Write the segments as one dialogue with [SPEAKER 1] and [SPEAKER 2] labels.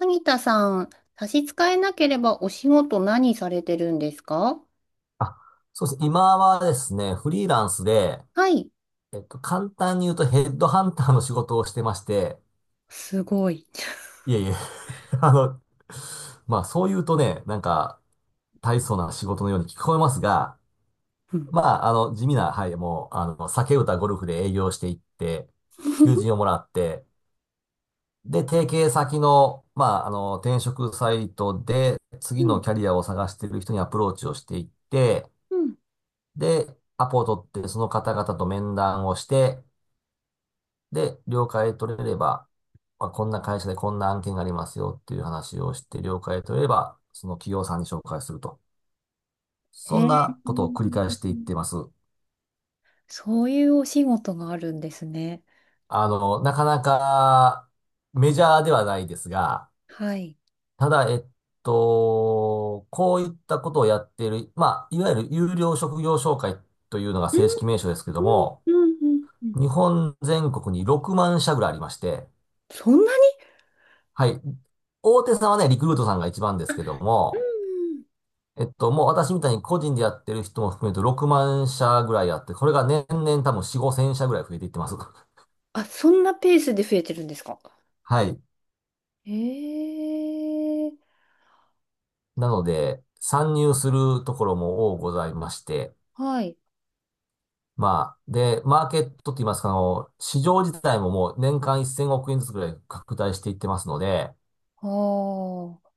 [SPEAKER 1] 萩田さん、差し支えなければお仕事何されてるんですか？
[SPEAKER 2] あ、そうですね。今はですね、フリーランスで、
[SPEAKER 1] はい。
[SPEAKER 2] 簡単に言うとヘッドハンターの仕事をしてまして、
[SPEAKER 1] すごい。
[SPEAKER 2] いえいえ。あの、まあそう言うとね、なんか大層な仕事のように聞こえますが、
[SPEAKER 1] うん。
[SPEAKER 2] まあ地味な、はい、もう、酒歌ゴルフで営業していって、求人をもらって、で、提携先の、まあ転職サイトで
[SPEAKER 1] う
[SPEAKER 2] 次の
[SPEAKER 1] ん
[SPEAKER 2] キャリアを探している人にアプローチをしていって、
[SPEAKER 1] うん、
[SPEAKER 2] で、アポを取って、その方々と面談をして、で、了解取れれば、まあ、こんな会社でこんな案件がありますよっていう話をして、了解取れれば、その企業さんに紹介すると。
[SPEAKER 1] へ
[SPEAKER 2] そん
[SPEAKER 1] え。
[SPEAKER 2] なことを繰り返していってます。
[SPEAKER 1] そういうお仕事があるんですね。
[SPEAKER 2] あの、なかなかメジャーではないですが、
[SPEAKER 1] はい。
[SPEAKER 2] ただ、こういったことをやっている、まあ、いわゆる有料職業紹介というのが
[SPEAKER 1] うん
[SPEAKER 2] 正式名称ですけど
[SPEAKER 1] うん
[SPEAKER 2] も、
[SPEAKER 1] うんうんうん、
[SPEAKER 2] 日本全国に6万社ぐらいありまして、
[SPEAKER 1] そんなに、
[SPEAKER 2] はい。大手さんはね、リクルートさんが一番ですけど
[SPEAKER 1] うん
[SPEAKER 2] も、
[SPEAKER 1] うん、
[SPEAKER 2] もう私みたいに個人でやってる人も含めると6万社ぐらいあって、これが年々多分4、50社ぐらい増えていってます。
[SPEAKER 1] あ、そんなペースで増えてるんですか？
[SPEAKER 2] はい。
[SPEAKER 1] へえ。
[SPEAKER 2] なので、参入するところも多ございまして、
[SPEAKER 1] はい。
[SPEAKER 2] まあ、で、マーケットって言いますか、市場自体ももう年間1000億円ずつぐらい拡大していってますので、
[SPEAKER 1] ああ、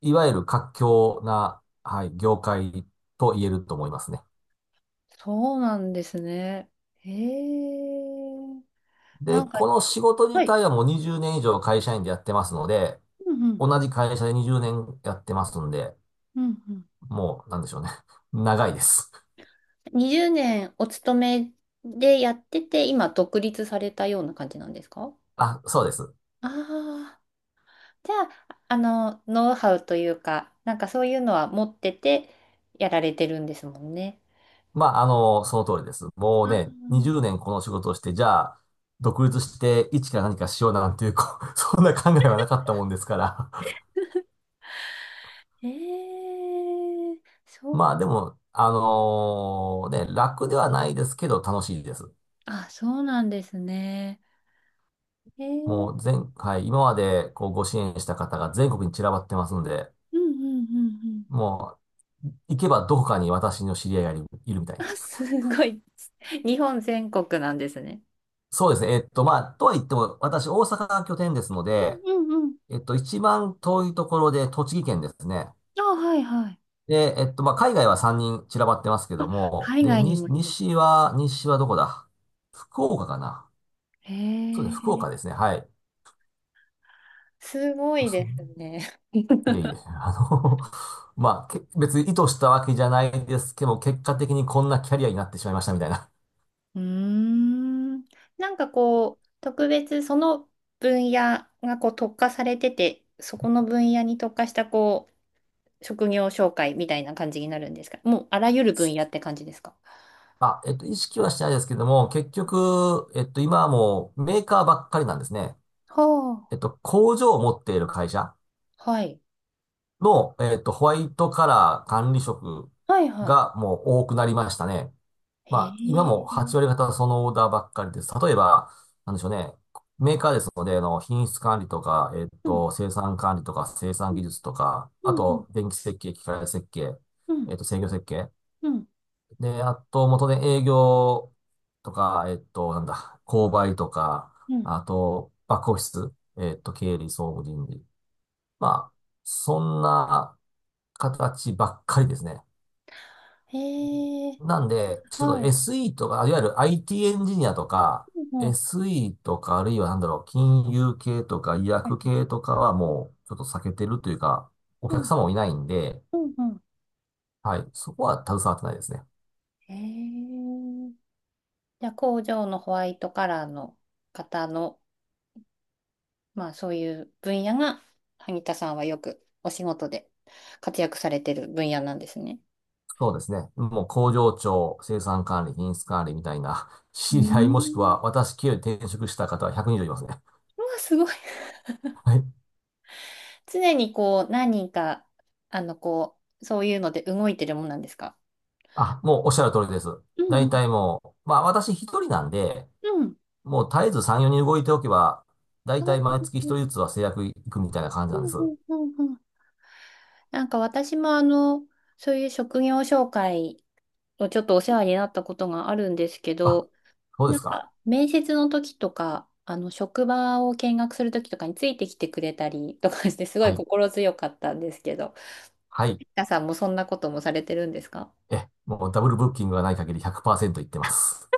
[SPEAKER 2] いわゆる活況な、はい、業界と言えると思いますね。
[SPEAKER 1] そうなんですね。へえ。
[SPEAKER 2] で、
[SPEAKER 1] なんか、
[SPEAKER 2] この仕事
[SPEAKER 1] は
[SPEAKER 2] 自
[SPEAKER 1] い。
[SPEAKER 2] 体はもう20年以上会社員でやってますので、
[SPEAKER 1] うん
[SPEAKER 2] 同じ会社で20年やってますんで、
[SPEAKER 1] うんうん。
[SPEAKER 2] もう、なんでしょうね。長いです。
[SPEAKER 1] 20年お勤めでやってて、今独立されたような感じなんですか？
[SPEAKER 2] あ、そうです。
[SPEAKER 1] ああー、じゃあ、ノウハウというか、なんかそういうのは持っててやられてるんですもんね。
[SPEAKER 2] まあ、その通りです。も
[SPEAKER 1] あ
[SPEAKER 2] うね、
[SPEAKER 1] ー、
[SPEAKER 2] 20年この仕事をして、じゃあ、独立して一から何かしようなんていう、こう そんな考えはなかったもんですから。
[SPEAKER 1] ええ、 そう、
[SPEAKER 2] まあ、でも、楽ではないですけど、楽しいです。
[SPEAKER 1] あ、そうなんですね。えー、
[SPEAKER 2] もう前回、今までこうご支援した方が全国に散らばってますんで、
[SPEAKER 1] うんうんうんうん。
[SPEAKER 2] もう、行けばどこかに私の知り合いがいるみたい
[SPEAKER 1] あ、
[SPEAKER 2] な。
[SPEAKER 1] す ごい。日本全国なんですね。
[SPEAKER 2] そうですね。まあ、とは言っても、私、大阪が拠点ですので、
[SPEAKER 1] うんうん。
[SPEAKER 2] 一番遠いところで栃木県ですね。
[SPEAKER 1] あ、はいはい。
[SPEAKER 2] で、まあ、海外は3人散らばってますけど
[SPEAKER 1] あ、
[SPEAKER 2] も、
[SPEAKER 1] 海
[SPEAKER 2] で、
[SPEAKER 1] 外に
[SPEAKER 2] に
[SPEAKER 1] もいる。
[SPEAKER 2] 西は、西はどこだ。福岡かな。
[SPEAKER 1] へ
[SPEAKER 2] そうですね、福
[SPEAKER 1] え。
[SPEAKER 2] 岡ですね。はい。
[SPEAKER 1] すご
[SPEAKER 2] あ
[SPEAKER 1] い
[SPEAKER 2] そん
[SPEAKER 1] ですね。
[SPEAKER 2] いえいえ。まあ、け別に意図したわけじゃないですけど、結果的にこんなキャリアになってしまいましたみたいな。
[SPEAKER 1] うーん。なんかこう、特別その分野がこう特化されてて、そこの分野に特化したこう、職業紹介みたいな感じになるんですか？もうあらゆる分野って感じですか？
[SPEAKER 2] あ、意識はしてないですけども、結局、今はもうメーカーばっかりなんですね。
[SPEAKER 1] は
[SPEAKER 2] 工場を持っている会社
[SPEAKER 1] あ、はい。
[SPEAKER 2] の、ホワイトカラー管理職
[SPEAKER 1] はいはい。
[SPEAKER 2] がもう多くなりましたね。
[SPEAKER 1] へ
[SPEAKER 2] まあ、今
[SPEAKER 1] え。
[SPEAKER 2] も8割方そのオーダーばっかりです。例えば、なんでしょうね。メーカーですので、品質管理とか、
[SPEAKER 1] うん、
[SPEAKER 2] 生産管理とか、生産技術とか、
[SPEAKER 1] う
[SPEAKER 2] あ
[SPEAKER 1] ん、うん、
[SPEAKER 2] と、電気設計、機械設計、
[SPEAKER 1] うん、
[SPEAKER 2] 制御設計。
[SPEAKER 1] うん、
[SPEAKER 2] で、あと、元で営業とか、えっと、なんだ、購買とか、
[SPEAKER 1] うん。
[SPEAKER 2] あと、バックオフィス、経理、総務、人事。まあ、そんな形ばっかりですね。
[SPEAKER 1] へえ。
[SPEAKER 2] なんで、ちょっと
[SPEAKER 1] はい。
[SPEAKER 2] SE とか、いわゆる IT エンジニアとか、
[SPEAKER 1] うん、うん、は
[SPEAKER 2] SE とか、あるいはなんだろう、金融系とか、医
[SPEAKER 1] いはい、
[SPEAKER 2] 薬系とかはもう、ちょっと避けてるというか、お
[SPEAKER 1] う
[SPEAKER 2] 客
[SPEAKER 1] ん、
[SPEAKER 2] 様もいないんで、
[SPEAKER 1] うん、うん。
[SPEAKER 2] はい、そこは携わってないですね。
[SPEAKER 1] へえ。じゃあ工場のホワイトカラーの方の、まあそういう分野が、萩田さんはよくお仕事で活躍されてる分野なんですね。
[SPEAKER 2] そうですね。もう工場長、生産管理、品質管理みたいな、
[SPEAKER 1] うー
[SPEAKER 2] 知り合いもしく
[SPEAKER 1] ん。
[SPEAKER 2] は私経由で転職した方は120いますね。
[SPEAKER 1] うわ、すごい。
[SPEAKER 2] はい。
[SPEAKER 1] 常にこう、何人か、こう、そういうので動いてるもんなんですか？
[SPEAKER 2] あ、もうおっしゃる通りです。
[SPEAKER 1] うんう
[SPEAKER 2] 大
[SPEAKER 1] ん。
[SPEAKER 2] 体もう、まあ私一人なんで、
[SPEAKER 1] うん。
[SPEAKER 2] もう絶えず産業にん動いておけば、大
[SPEAKER 1] あ
[SPEAKER 2] 体
[SPEAKER 1] ー、
[SPEAKER 2] 毎月一人ずつは制約いくみたいな感じ
[SPEAKER 1] うん
[SPEAKER 2] なんです。
[SPEAKER 1] うんうんうん、なんか私もそういう職業紹介をちょっとお世話になったことがあるんですけ
[SPEAKER 2] あ、
[SPEAKER 1] ど、
[SPEAKER 2] そうで
[SPEAKER 1] なん
[SPEAKER 2] すか。
[SPEAKER 1] か、面接の時とか、職場を見学する時とかについてきてくれたりとかして、すご
[SPEAKER 2] は
[SPEAKER 1] い
[SPEAKER 2] い。
[SPEAKER 1] 心強かったんですけど、
[SPEAKER 2] はい。
[SPEAKER 1] 皆さんもそんなこともされてるんですか？
[SPEAKER 2] もうダブルブッキングがない限り100%いってます。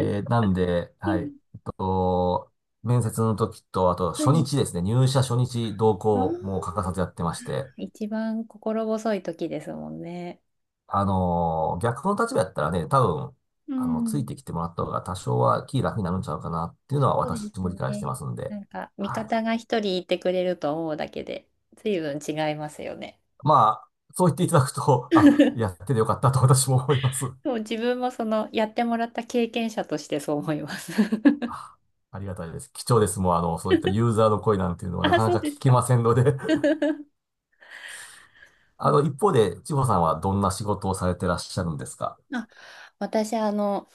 [SPEAKER 2] なんで、
[SPEAKER 1] う
[SPEAKER 2] はい。
[SPEAKER 1] ん、
[SPEAKER 2] 面接の時と、あと
[SPEAKER 1] は
[SPEAKER 2] 初
[SPEAKER 1] い。
[SPEAKER 2] 日ですね、入社初日同
[SPEAKER 1] ああ、
[SPEAKER 2] 行も欠かさずやってまして、
[SPEAKER 1] 一番心細い時ですもんね。
[SPEAKER 2] 逆の立場やったらね、多分、
[SPEAKER 1] う
[SPEAKER 2] つい
[SPEAKER 1] ん。
[SPEAKER 2] てきてもらった方が多少は気楽になるんちゃうかなっていうの
[SPEAKER 1] そ
[SPEAKER 2] は
[SPEAKER 1] うです
[SPEAKER 2] 私も理解して
[SPEAKER 1] ね。
[SPEAKER 2] ますんで、
[SPEAKER 1] なんか、味
[SPEAKER 2] は
[SPEAKER 1] 方
[SPEAKER 2] い。
[SPEAKER 1] が一人いてくれると思うだけで、随分違いますよね。
[SPEAKER 2] まあ、そう言っていただくと、あ、やっ ててよかったと私も思います。
[SPEAKER 1] でも自分もやってもらった経験者としてそう思います。
[SPEAKER 2] あ、ありがたいです。貴重です。もう、そういったユーザーの声なんていうのはな
[SPEAKER 1] あ、
[SPEAKER 2] かな
[SPEAKER 1] そ
[SPEAKER 2] か
[SPEAKER 1] うです
[SPEAKER 2] 聞け
[SPEAKER 1] か。
[SPEAKER 2] ませんので
[SPEAKER 1] うん、
[SPEAKER 2] 一方で、千穂さんはどんな仕事をされてらっしゃるんですか？
[SPEAKER 1] あ、私、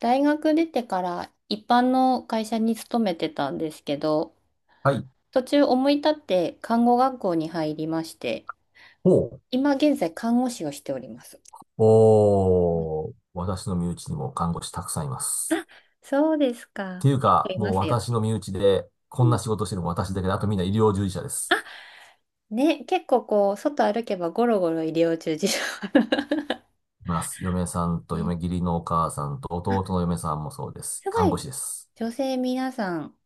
[SPEAKER 1] 大学出てから一般の会社に勤めてたんですけど、
[SPEAKER 2] はい。
[SPEAKER 1] 途中思い立って看護学校に入りまして、
[SPEAKER 2] ほう。
[SPEAKER 1] 今現在看護師をしております。うん、
[SPEAKER 2] おー、私の身内にも看護師たくさんいます。
[SPEAKER 1] あ、そうです
[SPEAKER 2] っ
[SPEAKER 1] か。
[SPEAKER 2] ていう
[SPEAKER 1] 結構
[SPEAKER 2] か、
[SPEAKER 1] いま
[SPEAKER 2] もう
[SPEAKER 1] すよ
[SPEAKER 2] 私
[SPEAKER 1] ね。
[SPEAKER 2] の身内で、
[SPEAKER 1] う
[SPEAKER 2] こん
[SPEAKER 1] ん、
[SPEAKER 2] な仕事してるの私だけで、あとみんな医療従事者です。
[SPEAKER 1] あ、ね、結構こう、外歩けばゴロゴロ医療従事者。
[SPEAKER 2] います。嫁さんと
[SPEAKER 1] ね、
[SPEAKER 2] 嫁義理のお母さんと弟
[SPEAKER 1] あ、
[SPEAKER 2] の嫁さんもそうです。
[SPEAKER 1] すご
[SPEAKER 2] 看護
[SPEAKER 1] い。
[SPEAKER 2] 師です。
[SPEAKER 1] 女性皆さん、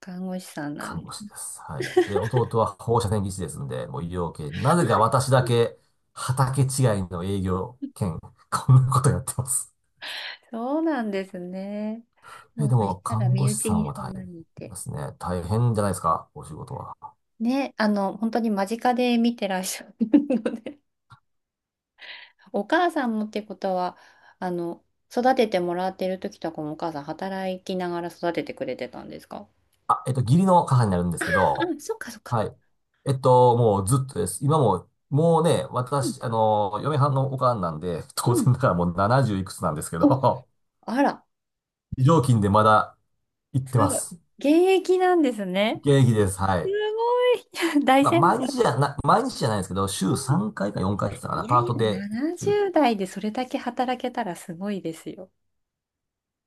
[SPEAKER 1] 看護師さんなん
[SPEAKER 2] 看
[SPEAKER 1] で
[SPEAKER 2] 護
[SPEAKER 1] す。
[SPEAKER 2] 師です。はい。で、弟は放射線技師ですんで、もう医療系。なぜか私だけ、畑違いの営業兼、こんなことやってます。
[SPEAKER 1] そうなんですね。もう
[SPEAKER 2] で
[SPEAKER 1] そし
[SPEAKER 2] も、
[SPEAKER 1] たら
[SPEAKER 2] 看護
[SPEAKER 1] 身
[SPEAKER 2] 師
[SPEAKER 1] 内
[SPEAKER 2] さん
[SPEAKER 1] に
[SPEAKER 2] は
[SPEAKER 1] そん
[SPEAKER 2] 大
[SPEAKER 1] な
[SPEAKER 2] 変
[SPEAKER 1] にいて。
[SPEAKER 2] ですね。大変じゃないですか、お仕事は？
[SPEAKER 1] ね、本当に間近で見てらっしゃるので、お母さんもってことは、あの、育ててもらってる時とかもお母さん働きながら育ててくれてたんですか？
[SPEAKER 2] あ、義理の母になるんですけど、
[SPEAKER 1] あ、そっかそっか。
[SPEAKER 2] はい。もうずっとです。今も、もうね、
[SPEAKER 1] うん、
[SPEAKER 2] 私、嫁はんのおかんなんで、
[SPEAKER 1] う
[SPEAKER 2] 当
[SPEAKER 1] ん。
[SPEAKER 2] 然だからもう70いくつなんですけ
[SPEAKER 1] お、
[SPEAKER 2] ど、
[SPEAKER 1] あら、
[SPEAKER 2] 非常勤でまだ行って
[SPEAKER 1] す
[SPEAKER 2] ま
[SPEAKER 1] ごい。
[SPEAKER 2] す。
[SPEAKER 1] 現役なんですね。
[SPEAKER 2] 現役です。は
[SPEAKER 1] す
[SPEAKER 2] い。
[SPEAKER 1] ごい。大
[SPEAKER 2] まあ、
[SPEAKER 1] 先輩。
[SPEAKER 2] 毎日じゃないですけど、週
[SPEAKER 1] うん、
[SPEAKER 2] 3回か4回って言ってたか
[SPEAKER 1] い
[SPEAKER 2] な、
[SPEAKER 1] や
[SPEAKER 2] パ
[SPEAKER 1] い
[SPEAKER 2] ー
[SPEAKER 1] や、
[SPEAKER 2] トで行ってる。
[SPEAKER 1] 70代でそれだけ働けたらすごいですよ。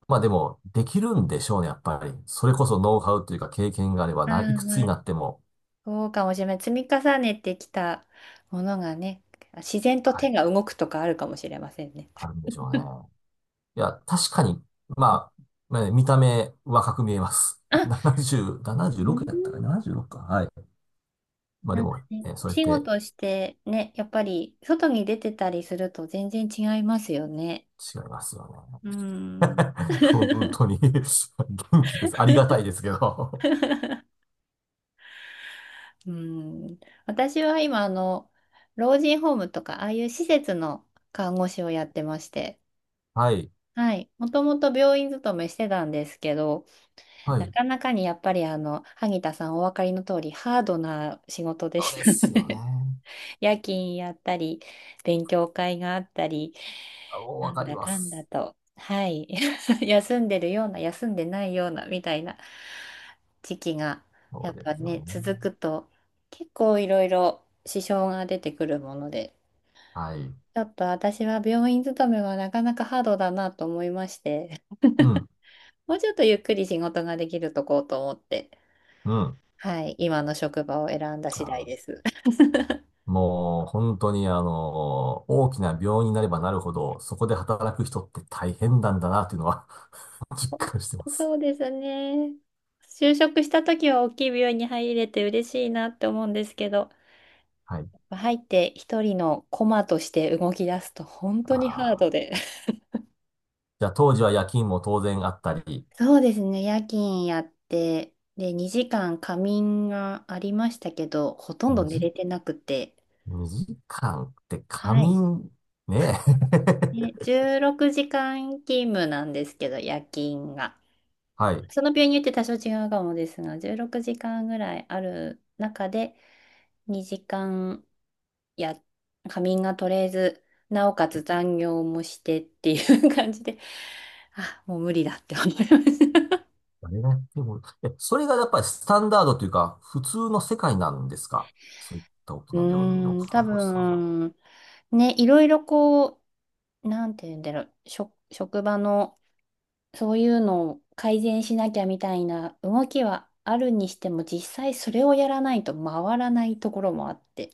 [SPEAKER 2] まあでも、できるんでしょうね、やっぱり。それこそノウハウというか経験があれば、
[SPEAKER 1] ああ、
[SPEAKER 2] ないくつ
[SPEAKER 1] ま
[SPEAKER 2] に
[SPEAKER 1] あ
[SPEAKER 2] なっても、
[SPEAKER 1] そうかもしれない。積み重ねてきたものがね、自然と
[SPEAKER 2] は
[SPEAKER 1] 手
[SPEAKER 2] い、
[SPEAKER 1] が動くとかあるかもしれませんね。
[SPEAKER 2] あるんでしょうね。いや、確かに、まあ、ね見た目若く見えます。
[SPEAKER 1] あ、
[SPEAKER 2] 70、
[SPEAKER 1] う
[SPEAKER 2] 76やったか
[SPEAKER 1] ん、
[SPEAKER 2] な？ 76 か。はい。まあ
[SPEAKER 1] な
[SPEAKER 2] で
[SPEAKER 1] んか
[SPEAKER 2] も、
[SPEAKER 1] ね、お
[SPEAKER 2] そうやっ
[SPEAKER 1] 仕
[SPEAKER 2] て
[SPEAKER 1] 事してね、やっぱり外に出てたりすると全然違いますよね。
[SPEAKER 2] 違いますよ
[SPEAKER 1] う
[SPEAKER 2] ね。
[SPEAKER 1] ん。
[SPEAKER 2] 本当に 元気です。ありがたいですけど。
[SPEAKER 1] うん。私は今、老人ホームとか、ああいう施設の看護師をやってまして、
[SPEAKER 2] はい。
[SPEAKER 1] はい。もともと病院勤めしてたんですけど、
[SPEAKER 2] は
[SPEAKER 1] な
[SPEAKER 2] い。
[SPEAKER 1] かなかにやっぱり萩田さんお分かりの通り、ハードな仕事で
[SPEAKER 2] そう
[SPEAKER 1] し
[SPEAKER 2] で
[SPEAKER 1] た
[SPEAKER 2] す
[SPEAKER 1] の
[SPEAKER 2] よ
[SPEAKER 1] で
[SPEAKER 2] ね。
[SPEAKER 1] 夜勤やったり、勉強会があったり、
[SPEAKER 2] あ、もう
[SPEAKER 1] な
[SPEAKER 2] わ
[SPEAKER 1] ん
[SPEAKER 2] かり
[SPEAKER 1] だ
[SPEAKER 2] ま
[SPEAKER 1] かんだ
[SPEAKER 2] す。
[SPEAKER 1] と、はい、休んでるような、休んでないような、みたいな時期が、
[SPEAKER 2] そ
[SPEAKER 1] や
[SPEAKER 2] う
[SPEAKER 1] っ
[SPEAKER 2] で
[SPEAKER 1] ぱ
[SPEAKER 2] すよ
[SPEAKER 1] ね、
[SPEAKER 2] ね。
[SPEAKER 1] 続くと、結構いろいろ支障が出てくるもので、
[SPEAKER 2] はい。
[SPEAKER 1] ちょっと私は病院勤めはなかなかハードだなと思いまして、
[SPEAKER 2] うん。
[SPEAKER 1] もうちょっとゆっくり仕事ができるとこうと思って。
[SPEAKER 2] うん。
[SPEAKER 1] はい、今の職場を選んだ
[SPEAKER 2] あ
[SPEAKER 1] 次第で
[SPEAKER 2] ー
[SPEAKER 1] す。
[SPEAKER 2] もう本当に大きな病院になればなるほど、そこで働く人って大変なんだなっていうのは 実感してます。
[SPEAKER 1] そうですね。就職した時は大きい病院に入れて嬉しいなって思うんですけど、
[SPEAKER 2] はい。
[SPEAKER 1] 入って一人のコマとして動き出すと本
[SPEAKER 2] あ
[SPEAKER 1] 当にハー
[SPEAKER 2] ー
[SPEAKER 1] ドで。
[SPEAKER 2] じゃあ当時は夜勤も当然あったり、
[SPEAKER 1] そうですね、夜勤やって、で、2時間仮眠がありましたけど、ほとんど
[SPEAKER 2] 2
[SPEAKER 1] 寝
[SPEAKER 2] 時、
[SPEAKER 1] れてなくて、
[SPEAKER 2] 2時間って仮
[SPEAKER 1] はい。
[SPEAKER 2] 眠、ね
[SPEAKER 1] ね、
[SPEAKER 2] え。
[SPEAKER 1] 16時間勤務なんですけど、夜勤が。
[SPEAKER 2] はい。
[SPEAKER 1] その病院によって多少違うかもですが、16時間ぐらいある中で、2時間や、仮眠が取れず、なおかつ残業もしてっていう感じで、あ、もう無理だって思いました。
[SPEAKER 2] あれがやっても、え、それがやっぱりスタンダードというか、普通の世界なんですか？そういった大き
[SPEAKER 1] う
[SPEAKER 2] な病院の
[SPEAKER 1] ーん、多
[SPEAKER 2] 看護師さんは。
[SPEAKER 1] 分、ね、いろいろこう、なんて言うんだろう、職場のそういうのを改善しなきゃみたいな動きはあるにしても、実際それをやらないと回らないところもあって。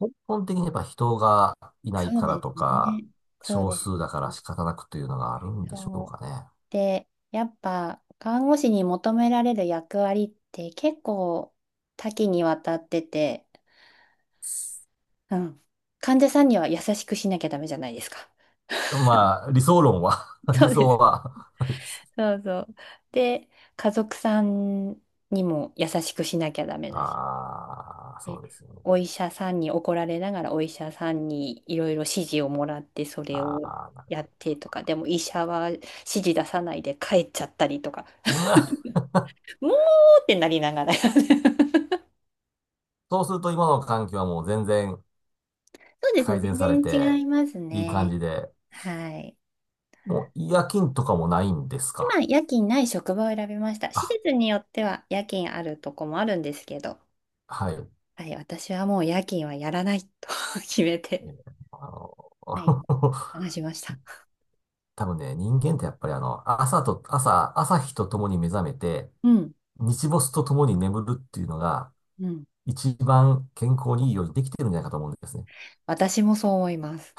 [SPEAKER 2] 根本的にやっぱ人がいない
[SPEAKER 1] そう
[SPEAKER 2] から
[SPEAKER 1] で
[SPEAKER 2] と
[SPEAKER 1] す
[SPEAKER 2] か、
[SPEAKER 1] ね。そう
[SPEAKER 2] 少
[SPEAKER 1] です
[SPEAKER 2] 数だから
[SPEAKER 1] ね。
[SPEAKER 2] 仕方なくというのがあるんでしょう
[SPEAKER 1] そ
[SPEAKER 2] か
[SPEAKER 1] う。
[SPEAKER 2] ね。
[SPEAKER 1] で、やっぱ看護師に求められる役割って結構多岐にわたってて、うん。患者さんには優しくしなきゃダメじゃないですか？
[SPEAKER 2] まあ、理想論は 理
[SPEAKER 1] そうで
[SPEAKER 2] 想
[SPEAKER 1] す。
[SPEAKER 2] は
[SPEAKER 1] そうそう。で、家族さんにも優しくしなきゃダメだし。
[SPEAKER 2] ああ、そ
[SPEAKER 1] で、
[SPEAKER 2] うですよね。
[SPEAKER 1] お医者さんに怒られながらお医者さんにいろいろ指示をもらってそれ
[SPEAKER 2] あ
[SPEAKER 1] を
[SPEAKER 2] あ、なる
[SPEAKER 1] や
[SPEAKER 2] ほ
[SPEAKER 1] ってとか、でも医者は指示出さないで帰っちゃったりとか。
[SPEAKER 2] ど。な
[SPEAKER 1] もうってなりながら。そう、
[SPEAKER 2] そうすると今の環境はもう全然
[SPEAKER 1] そうですね。
[SPEAKER 2] 改善され
[SPEAKER 1] 全然
[SPEAKER 2] て、
[SPEAKER 1] 違います
[SPEAKER 2] いい感
[SPEAKER 1] ね。
[SPEAKER 2] じで、
[SPEAKER 1] はい。
[SPEAKER 2] もう夜勤とかもないんです
[SPEAKER 1] 今、
[SPEAKER 2] か？
[SPEAKER 1] 夜勤ない職場を選びました。施
[SPEAKER 2] あ、
[SPEAKER 1] 設によっては夜勤あるとこもあるんですけど、
[SPEAKER 2] はい。
[SPEAKER 1] はい、私はもう夜勤はやらないと 決めて、
[SPEAKER 2] えーあの
[SPEAKER 1] はい、話しました。
[SPEAKER 2] 多分ね、人間ってやっぱり朝日と共に目覚めて、
[SPEAKER 1] うん、
[SPEAKER 2] 日没とともに眠るっていうのが、
[SPEAKER 1] うん。
[SPEAKER 2] 一番健康にいいようにできてるんじゃないかと思うんですね。
[SPEAKER 1] 私もそう思います。